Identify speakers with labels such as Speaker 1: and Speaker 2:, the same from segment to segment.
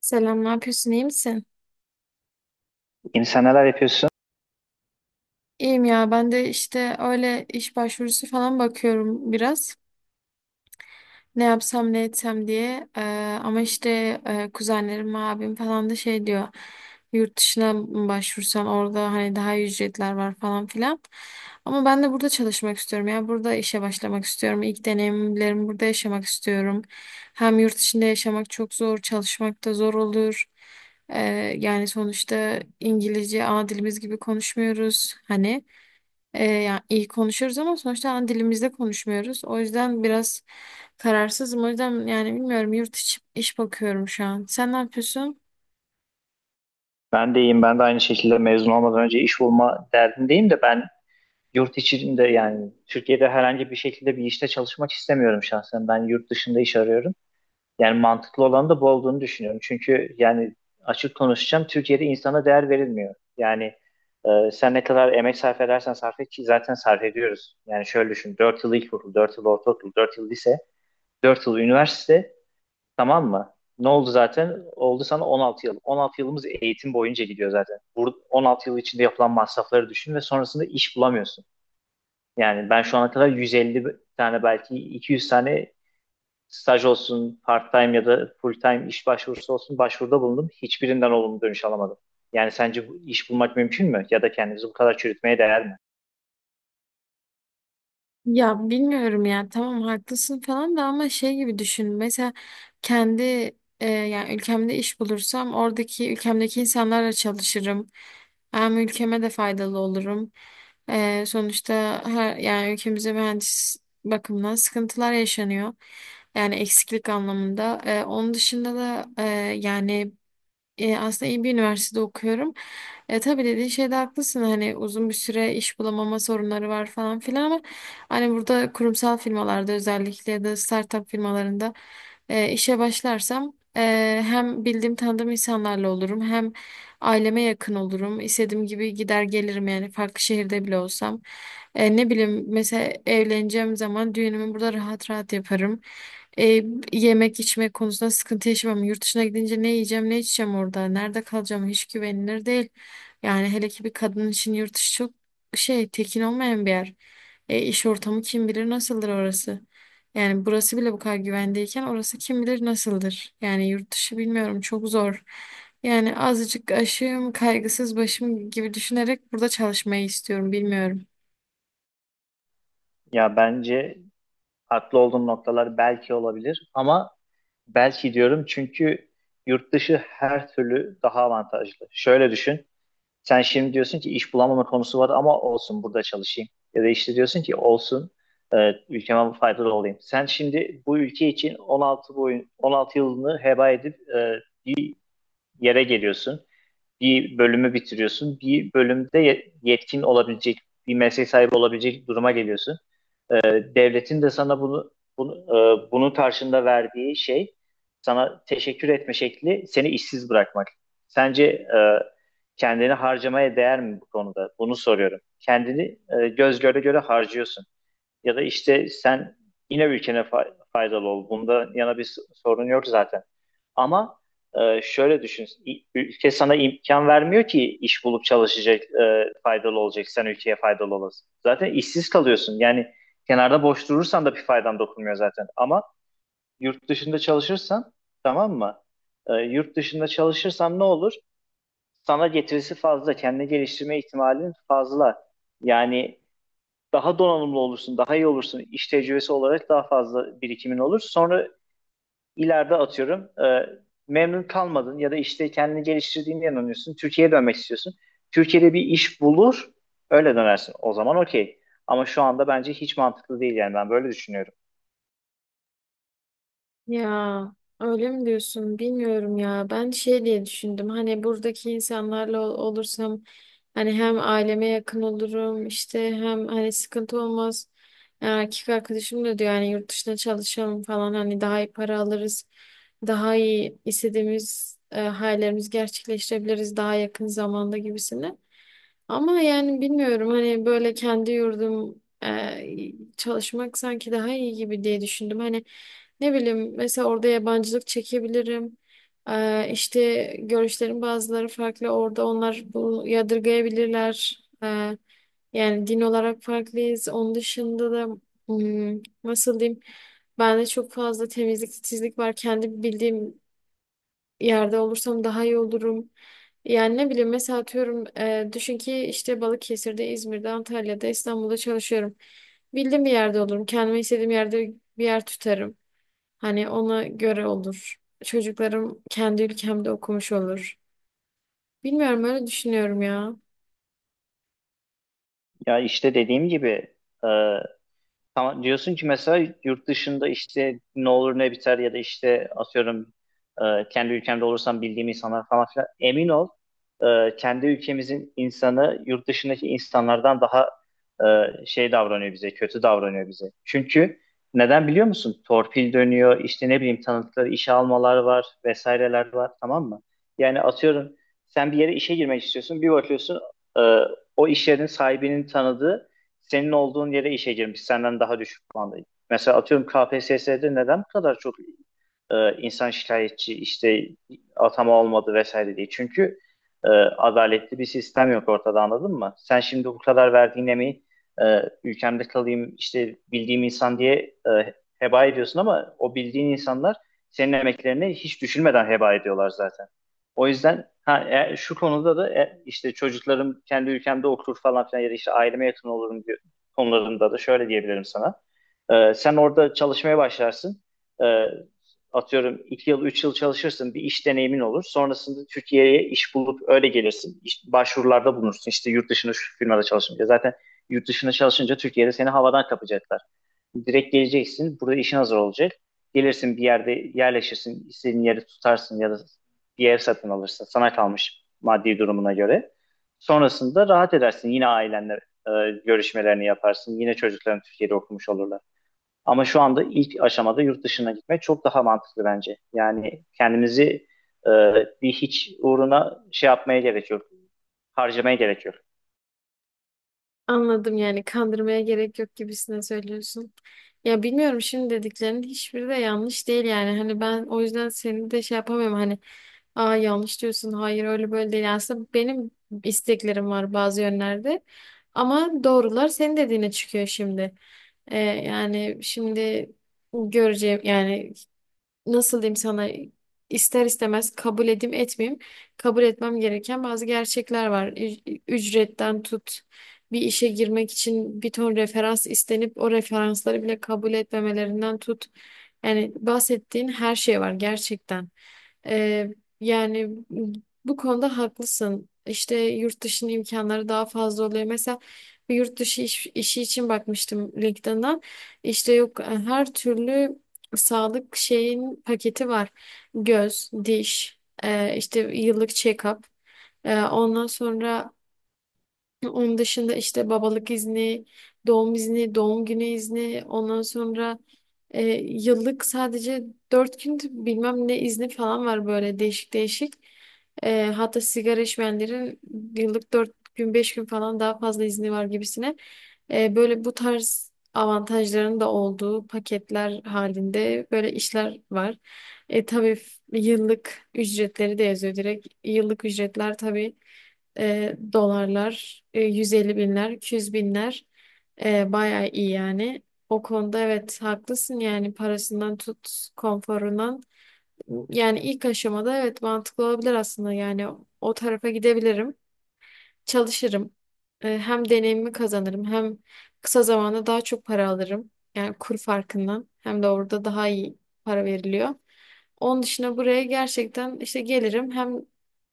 Speaker 1: Selam, ne yapıyorsun? İyi misin?
Speaker 2: Yeni sen neler yapıyorsun?
Speaker 1: İyiyim ya. Ben de işte öyle iş başvurusu falan bakıyorum biraz. Ne yapsam ne etsem diye. Ama işte kuzenlerim, abim falan da şey diyor. Yurt dışına mı başvursan, orada hani daha iyi ücretler var falan filan. Ama ben de burada çalışmak istiyorum ya. Burada işe başlamak istiyorum. İlk deneyimlerimi burada yaşamak istiyorum. Hem yurt içinde yaşamak çok zor, çalışmak da zor olur. Ee, Yani sonuçta İngilizce ana dilimiz gibi konuşmuyoruz. Hani yani iyi konuşuyoruz ama sonuçta ana dilimizde konuşmuyoruz. O yüzden biraz kararsızım. O yüzden yani bilmiyorum, yurt içi iş bakıyorum şu an. Sen ne yapıyorsun?
Speaker 2: Ben de iyiyim. Ben de aynı şekilde mezun olmadan önce iş bulma derdindeyim de ben yurt içinde, yani Türkiye'de herhangi bir şekilde bir işte çalışmak istemiyorum şahsen. Ben yurt dışında iş arıyorum. Yani mantıklı olan da bu olduğunu düşünüyorum. Çünkü yani açık konuşacağım, Türkiye'de insana değer verilmiyor. Yani sen ne kadar emek sarf edersen sarf et ki zaten sarf ediyoruz. Yani şöyle düşün. Dört yıl ilkokul, 4 yıl ortaokul, 4 yıl lise, 4 yıl üniversite. Tamam mı? Ne oldu zaten? Oldu sana 16 yıl. 16 yılımız eğitim boyunca gidiyor zaten. Burada 16 yıl içinde yapılan masrafları düşün ve sonrasında iş bulamıyorsun. Yani ben şu ana kadar 150 tane, belki 200 tane staj olsun, part-time ya da full-time iş başvurusu olsun, başvuruda bulundum. Hiçbirinden olumlu dönüş alamadım. Yani sence bu iş bulmak mümkün mü? Ya da kendimizi bu kadar çürütmeye değer mi?
Speaker 1: Ya bilmiyorum ya, tamam haklısın falan da ama şey gibi düşün, mesela kendi yani ülkemde iş bulursam oradaki ülkemdeki insanlarla çalışırım, hem ülkeme de faydalı olurum. Sonuçta her, yani ülkemizde mühendis bakımından sıkıntılar yaşanıyor, yani eksiklik anlamında. Onun dışında da yani aslında iyi bir üniversitede okuyorum. Tabii dediğin şeyde haklısın. Hani uzun bir süre iş bulamama sorunları var falan filan ama hani burada kurumsal firmalarda özellikle ya da startup firmalarında işe başlarsam hem bildiğim tanıdığım insanlarla olurum hem aileme yakın olurum. İstediğim gibi gider gelirim yani farklı şehirde bile olsam. Ne bileyim, mesela evleneceğim zaman düğünümü burada rahat rahat yaparım. E, Yemek içmek konusunda sıkıntı yaşamam. Yurt dışına gidince ne yiyeceğim, ne içeceğim orada, nerede kalacağım hiç güvenilir değil. Yani hele ki bir kadın için yurt dışı çok şey, tekin olmayan bir yer. İş ortamı kim bilir nasıldır orası. Yani burası bile bu kadar güvendeyken orası kim bilir nasıldır. Yani yurt dışı bilmiyorum, çok zor. Yani azıcık aşığım, kaygısız başım gibi düşünerek burada çalışmayı istiyorum, bilmiyorum.
Speaker 2: Ya bence haklı olduğum noktalar belki olabilir ama belki diyorum çünkü yurt dışı her türlü daha avantajlı. Şöyle düşün. Sen şimdi diyorsun ki iş bulamama konusu var ama olsun, burada çalışayım. Ya da işte diyorsun ki olsun, ülkeme faydalı olayım. Sen şimdi bu ülke için 16 boyun 16 yılını heba edip yere geliyorsun. Bir bölümü bitiriyorsun. Bir bölümde yetkin olabilecek, bir meslek sahibi olabilecek duruma geliyorsun. E, Devletin de sana bunu, bunun karşında verdiği şey, sana teşekkür etme şekli, seni işsiz bırakmak. Sence kendini harcamaya değer mi bu konuda? Bunu soruyorum. Kendini göz göre göre harcıyorsun. Ya da işte sen yine ülkene faydalı ol. Bunda yana bir sorun yok zaten. Ama şöyle düşün. Ülke sana imkan vermiyor ki iş bulup çalışacak, faydalı olacak. Sen ülkeye faydalı olasın. Zaten işsiz kalıyorsun. Yani kenarda boş durursan da bir faydan dokunmuyor zaten. Ama yurt dışında çalışırsan, tamam mı? Yurt dışında çalışırsan ne olur? Sana getirisi fazla. Kendini geliştirme ihtimalin fazla. Yani daha donanımlı olursun, daha iyi olursun. İş tecrübesi olarak daha fazla birikimin olur. Sonra ileride atıyorum memnun kalmadın ya da işte kendini geliştirdiğine inanıyorsun. Türkiye'ye dönmek istiyorsun. Türkiye'de bir iş bulur, öyle dönersin. O zaman okey. Ama şu anda bence hiç mantıklı değil, yani ben böyle düşünüyorum.
Speaker 1: Ya öyle mi diyorsun? Bilmiyorum ya. Ben şey diye düşündüm. Hani buradaki insanlarla olursam hani hem aileme yakın olurum işte hem hani sıkıntı olmaz. Yani erkek arkadaşım da diyor, yani yurt dışına çalışalım falan, hani daha iyi para alırız. Daha iyi istediğimiz hayallerimizi gerçekleştirebiliriz daha yakın zamanda gibisine. Ama yani bilmiyorum, hani böyle kendi yurdum çalışmak sanki daha iyi gibi diye düşündüm. Hani ne bileyim, mesela orada yabancılık çekebilirim. İşte görüşlerin bazıları farklı orada, onlar bu yadırgayabilirler. Yani din olarak farklıyız. Onun dışında da nasıl diyeyim, bende çok fazla temizlik titizlik var. Kendi bildiğim yerde olursam daha iyi olurum. Yani ne bileyim, mesela atıyorum düşün ki işte Balıkesir'de, İzmir'de, Antalya'da, İstanbul'da çalışıyorum. Bildiğim bir yerde olurum. Kendime istediğim yerde bir yer tutarım. Hani ona göre olur. Çocuklarım kendi ülkemde okumuş olur. Bilmiyorum, öyle düşünüyorum ya.
Speaker 2: Ya işte dediğim gibi, e, tamam diyorsun ki mesela yurt dışında işte ne olur ne biter, ya da işte atıyorum kendi ülkemde olursam bildiğim insanlar falan filan, emin ol, kendi ülkemizin insanı yurt dışındaki insanlardan daha şey davranıyor bize, kötü davranıyor bize. Çünkü neden biliyor musun? Torpil dönüyor, işte ne bileyim, tanıdıkları işe almalar var, vesaireler var, tamam mı? Yani atıyorum sen bir yere işe girmek istiyorsun, bir bakıyorsun e, o iş yerinin sahibinin tanıdığı senin olduğun yere işe girmiş, senden daha düşük puanda. Mesela atıyorum KPSS'de neden bu kadar çok insan şikayetçi, işte atama olmadı vesaire diye. Çünkü e, adaletli bir sistem yok ortada, anladın mı? Sen şimdi bu kadar verdiğin emeği ülkemde kalayım, işte bildiğim insan diye heba ediyorsun, ama o bildiğin insanlar senin emeklerini hiç düşünmeden heba ediyorlar zaten. O yüzden ha, şu konuda da, işte çocuklarım kendi ülkemde okur falan filan, ya da işte aileme yakın olurum diyor, konularında da şöyle diyebilirim sana. Sen orada çalışmaya başlarsın. Ee, Atıyorum 2 yıl 3 yıl çalışırsın, bir iş deneyimin olur. Sonrasında Türkiye'ye iş bulup öyle gelirsin. İş başvurularda bulunursun. İşte yurt dışında şu firmada çalışınca. Zaten yurt dışında çalışınca Türkiye'de seni havadan kapacaklar. Direkt geleceksin. Burada işin hazır olacak. Gelirsin, bir yerde yerleşirsin. İstediğin yeri tutarsın ya da bir ev satın alırsın. Sana kalmış, maddi durumuna göre. Sonrasında rahat edersin. Yine ailenle e, görüşmelerini yaparsın. Yine çocukların Türkiye'de okumuş olurlar. Ama şu anda ilk aşamada yurt dışına gitmek çok daha mantıklı bence. Yani kendimizi e, bir hiç uğruna şey yapmaya gerek yok. Harcamaya gerek yok.
Speaker 1: Anladım, yani kandırmaya gerek yok gibisine söylüyorsun. Ya bilmiyorum, şimdi dediklerinin hiçbiri de yanlış değil yani. Hani ben o yüzden seni de şey yapamıyorum. Hani aa yanlış diyorsun. Hayır öyle böyle değil. Yani aslında benim isteklerim var bazı yönlerde. Ama doğrular senin dediğine çıkıyor şimdi. Yani şimdi göreceğim yani, nasıl diyeyim sana, ister istemez kabul edeyim etmeyeyim, kabul etmem gereken bazı gerçekler var. Ücretten tut, bir işe girmek için bir ton referans istenip o referansları bile kabul etmemelerinden tut. Yani bahsettiğin her şey var gerçekten. Ee, Yani bu konuda haklısın. İşte yurt dışının imkanları daha fazla oluyor. Mesela bir yurt dışı işi için bakmıştım LinkedIn'dan. İşte yok, her türlü sağlık şeyin paketi var. Göz, diş, işte yıllık check-up. Ondan sonra, onun dışında işte babalık izni, doğum izni, doğum günü izni, ondan sonra yıllık sadece dört gün bilmem ne izni falan var, böyle değişik değişik. Hatta sigara içmeyenlerin yıllık dört gün beş gün falan daha fazla izni var gibisine. Böyle bu tarz avantajların da olduğu paketler halinde böyle işler var. Tabii yıllık ücretleri de yazıyor direkt. Yıllık ücretler tabii. Dolarlar, 150 binler, 200 binler, bayağı iyi yani. O konuda evet haklısın, yani parasından tut, konforundan. Yani ilk aşamada evet mantıklı olabilir aslında, yani o tarafa gidebilirim. Çalışırım. Hem deneyimi kazanırım hem kısa zamanda daha çok para alırım. Yani kur farkından, hem de orada daha iyi para veriliyor. Onun dışında buraya gerçekten işte gelirim, hem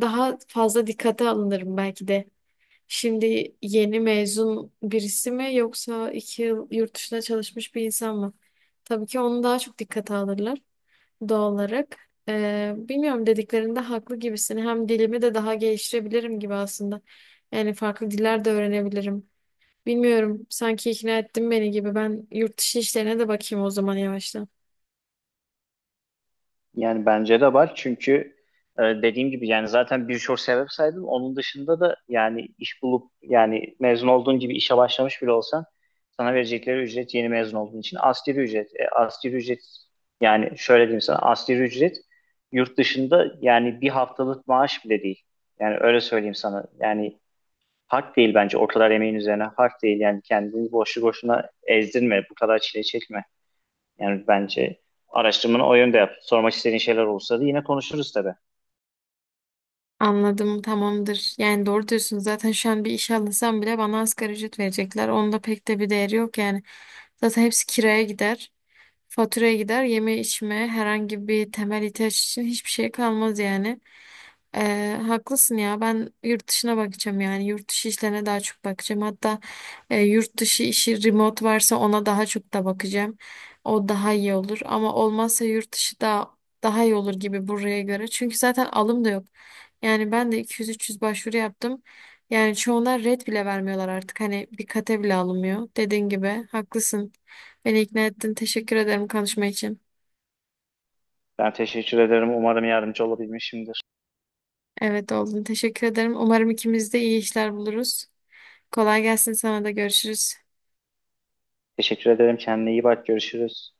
Speaker 1: daha fazla dikkate alınırım belki de. Şimdi yeni mezun birisi mi yoksa iki yıl yurt dışında çalışmış bir insan mı? Tabii ki onu daha çok dikkate alırlar, doğal olarak. Bilmiyorum, dediklerinde haklı gibisin. Hem dilimi de daha geliştirebilirim gibi aslında. Yani farklı diller de öğrenebilirim. Bilmiyorum, sanki ikna ettin beni gibi. Ben yurt dışı işlerine de bakayım o zaman yavaştan.
Speaker 2: Yani bence de var çünkü dediğim gibi yani zaten birçok sebep saydım. Onun dışında da yani iş bulup, yani mezun olduğun gibi işe başlamış bile olsan sana verecekleri ücret, yeni mezun olduğun için, asgari ücret. E, asgari ücret, yani şöyle diyeyim sana, asgari ücret yurt dışında yani bir haftalık maaş bile değil. Yani öyle söyleyeyim sana. Yani hak değil bence, o kadar emeğin üzerine hak değil. Yani kendini boşu boşuna ezdirme, bu kadar çile çekme. Yani bence araştırmanı o yönde yap. Sormak istediğin şeyler olursa da yine konuşuruz tabii.
Speaker 1: Anladım, tamamdır. Yani doğru diyorsun, zaten şu an bir iş alınsam bile bana asgari ücret verecekler. Onda pek de bir değeri yok yani. Zaten hepsi kiraya gider. Faturaya gider, yeme içme, herhangi bir temel ihtiyaç için hiçbir şey kalmaz yani. Haklısın ya, ben yurt dışına bakacağım, yani yurt dışı işlerine daha çok bakacağım. Hatta yurt dışı işi remote varsa ona daha çok da bakacağım. O daha iyi olur ama olmazsa yurt dışı da daha iyi olur gibi buraya göre. Çünkü zaten alım da yok. Yani ben de 200-300 başvuru yaptım. Yani çoğuna red bile vermiyorlar artık. Hani bir kate bile alınmıyor. Dediğin gibi haklısın. Beni ikna ettin. Teşekkür ederim konuşma için.
Speaker 2: Ben teşekkür ederim. Umarım yardımcı olabilmişimdir.
Speaker 1: Evet oldun. Teşekkür ederim. Umarım ikimiz de iyi işler buluruz. Kolay gelsin, sana da görüşürüz.
Speaker 2: Teşekkür ederim. Kendine iyi bak. Görüşürüz.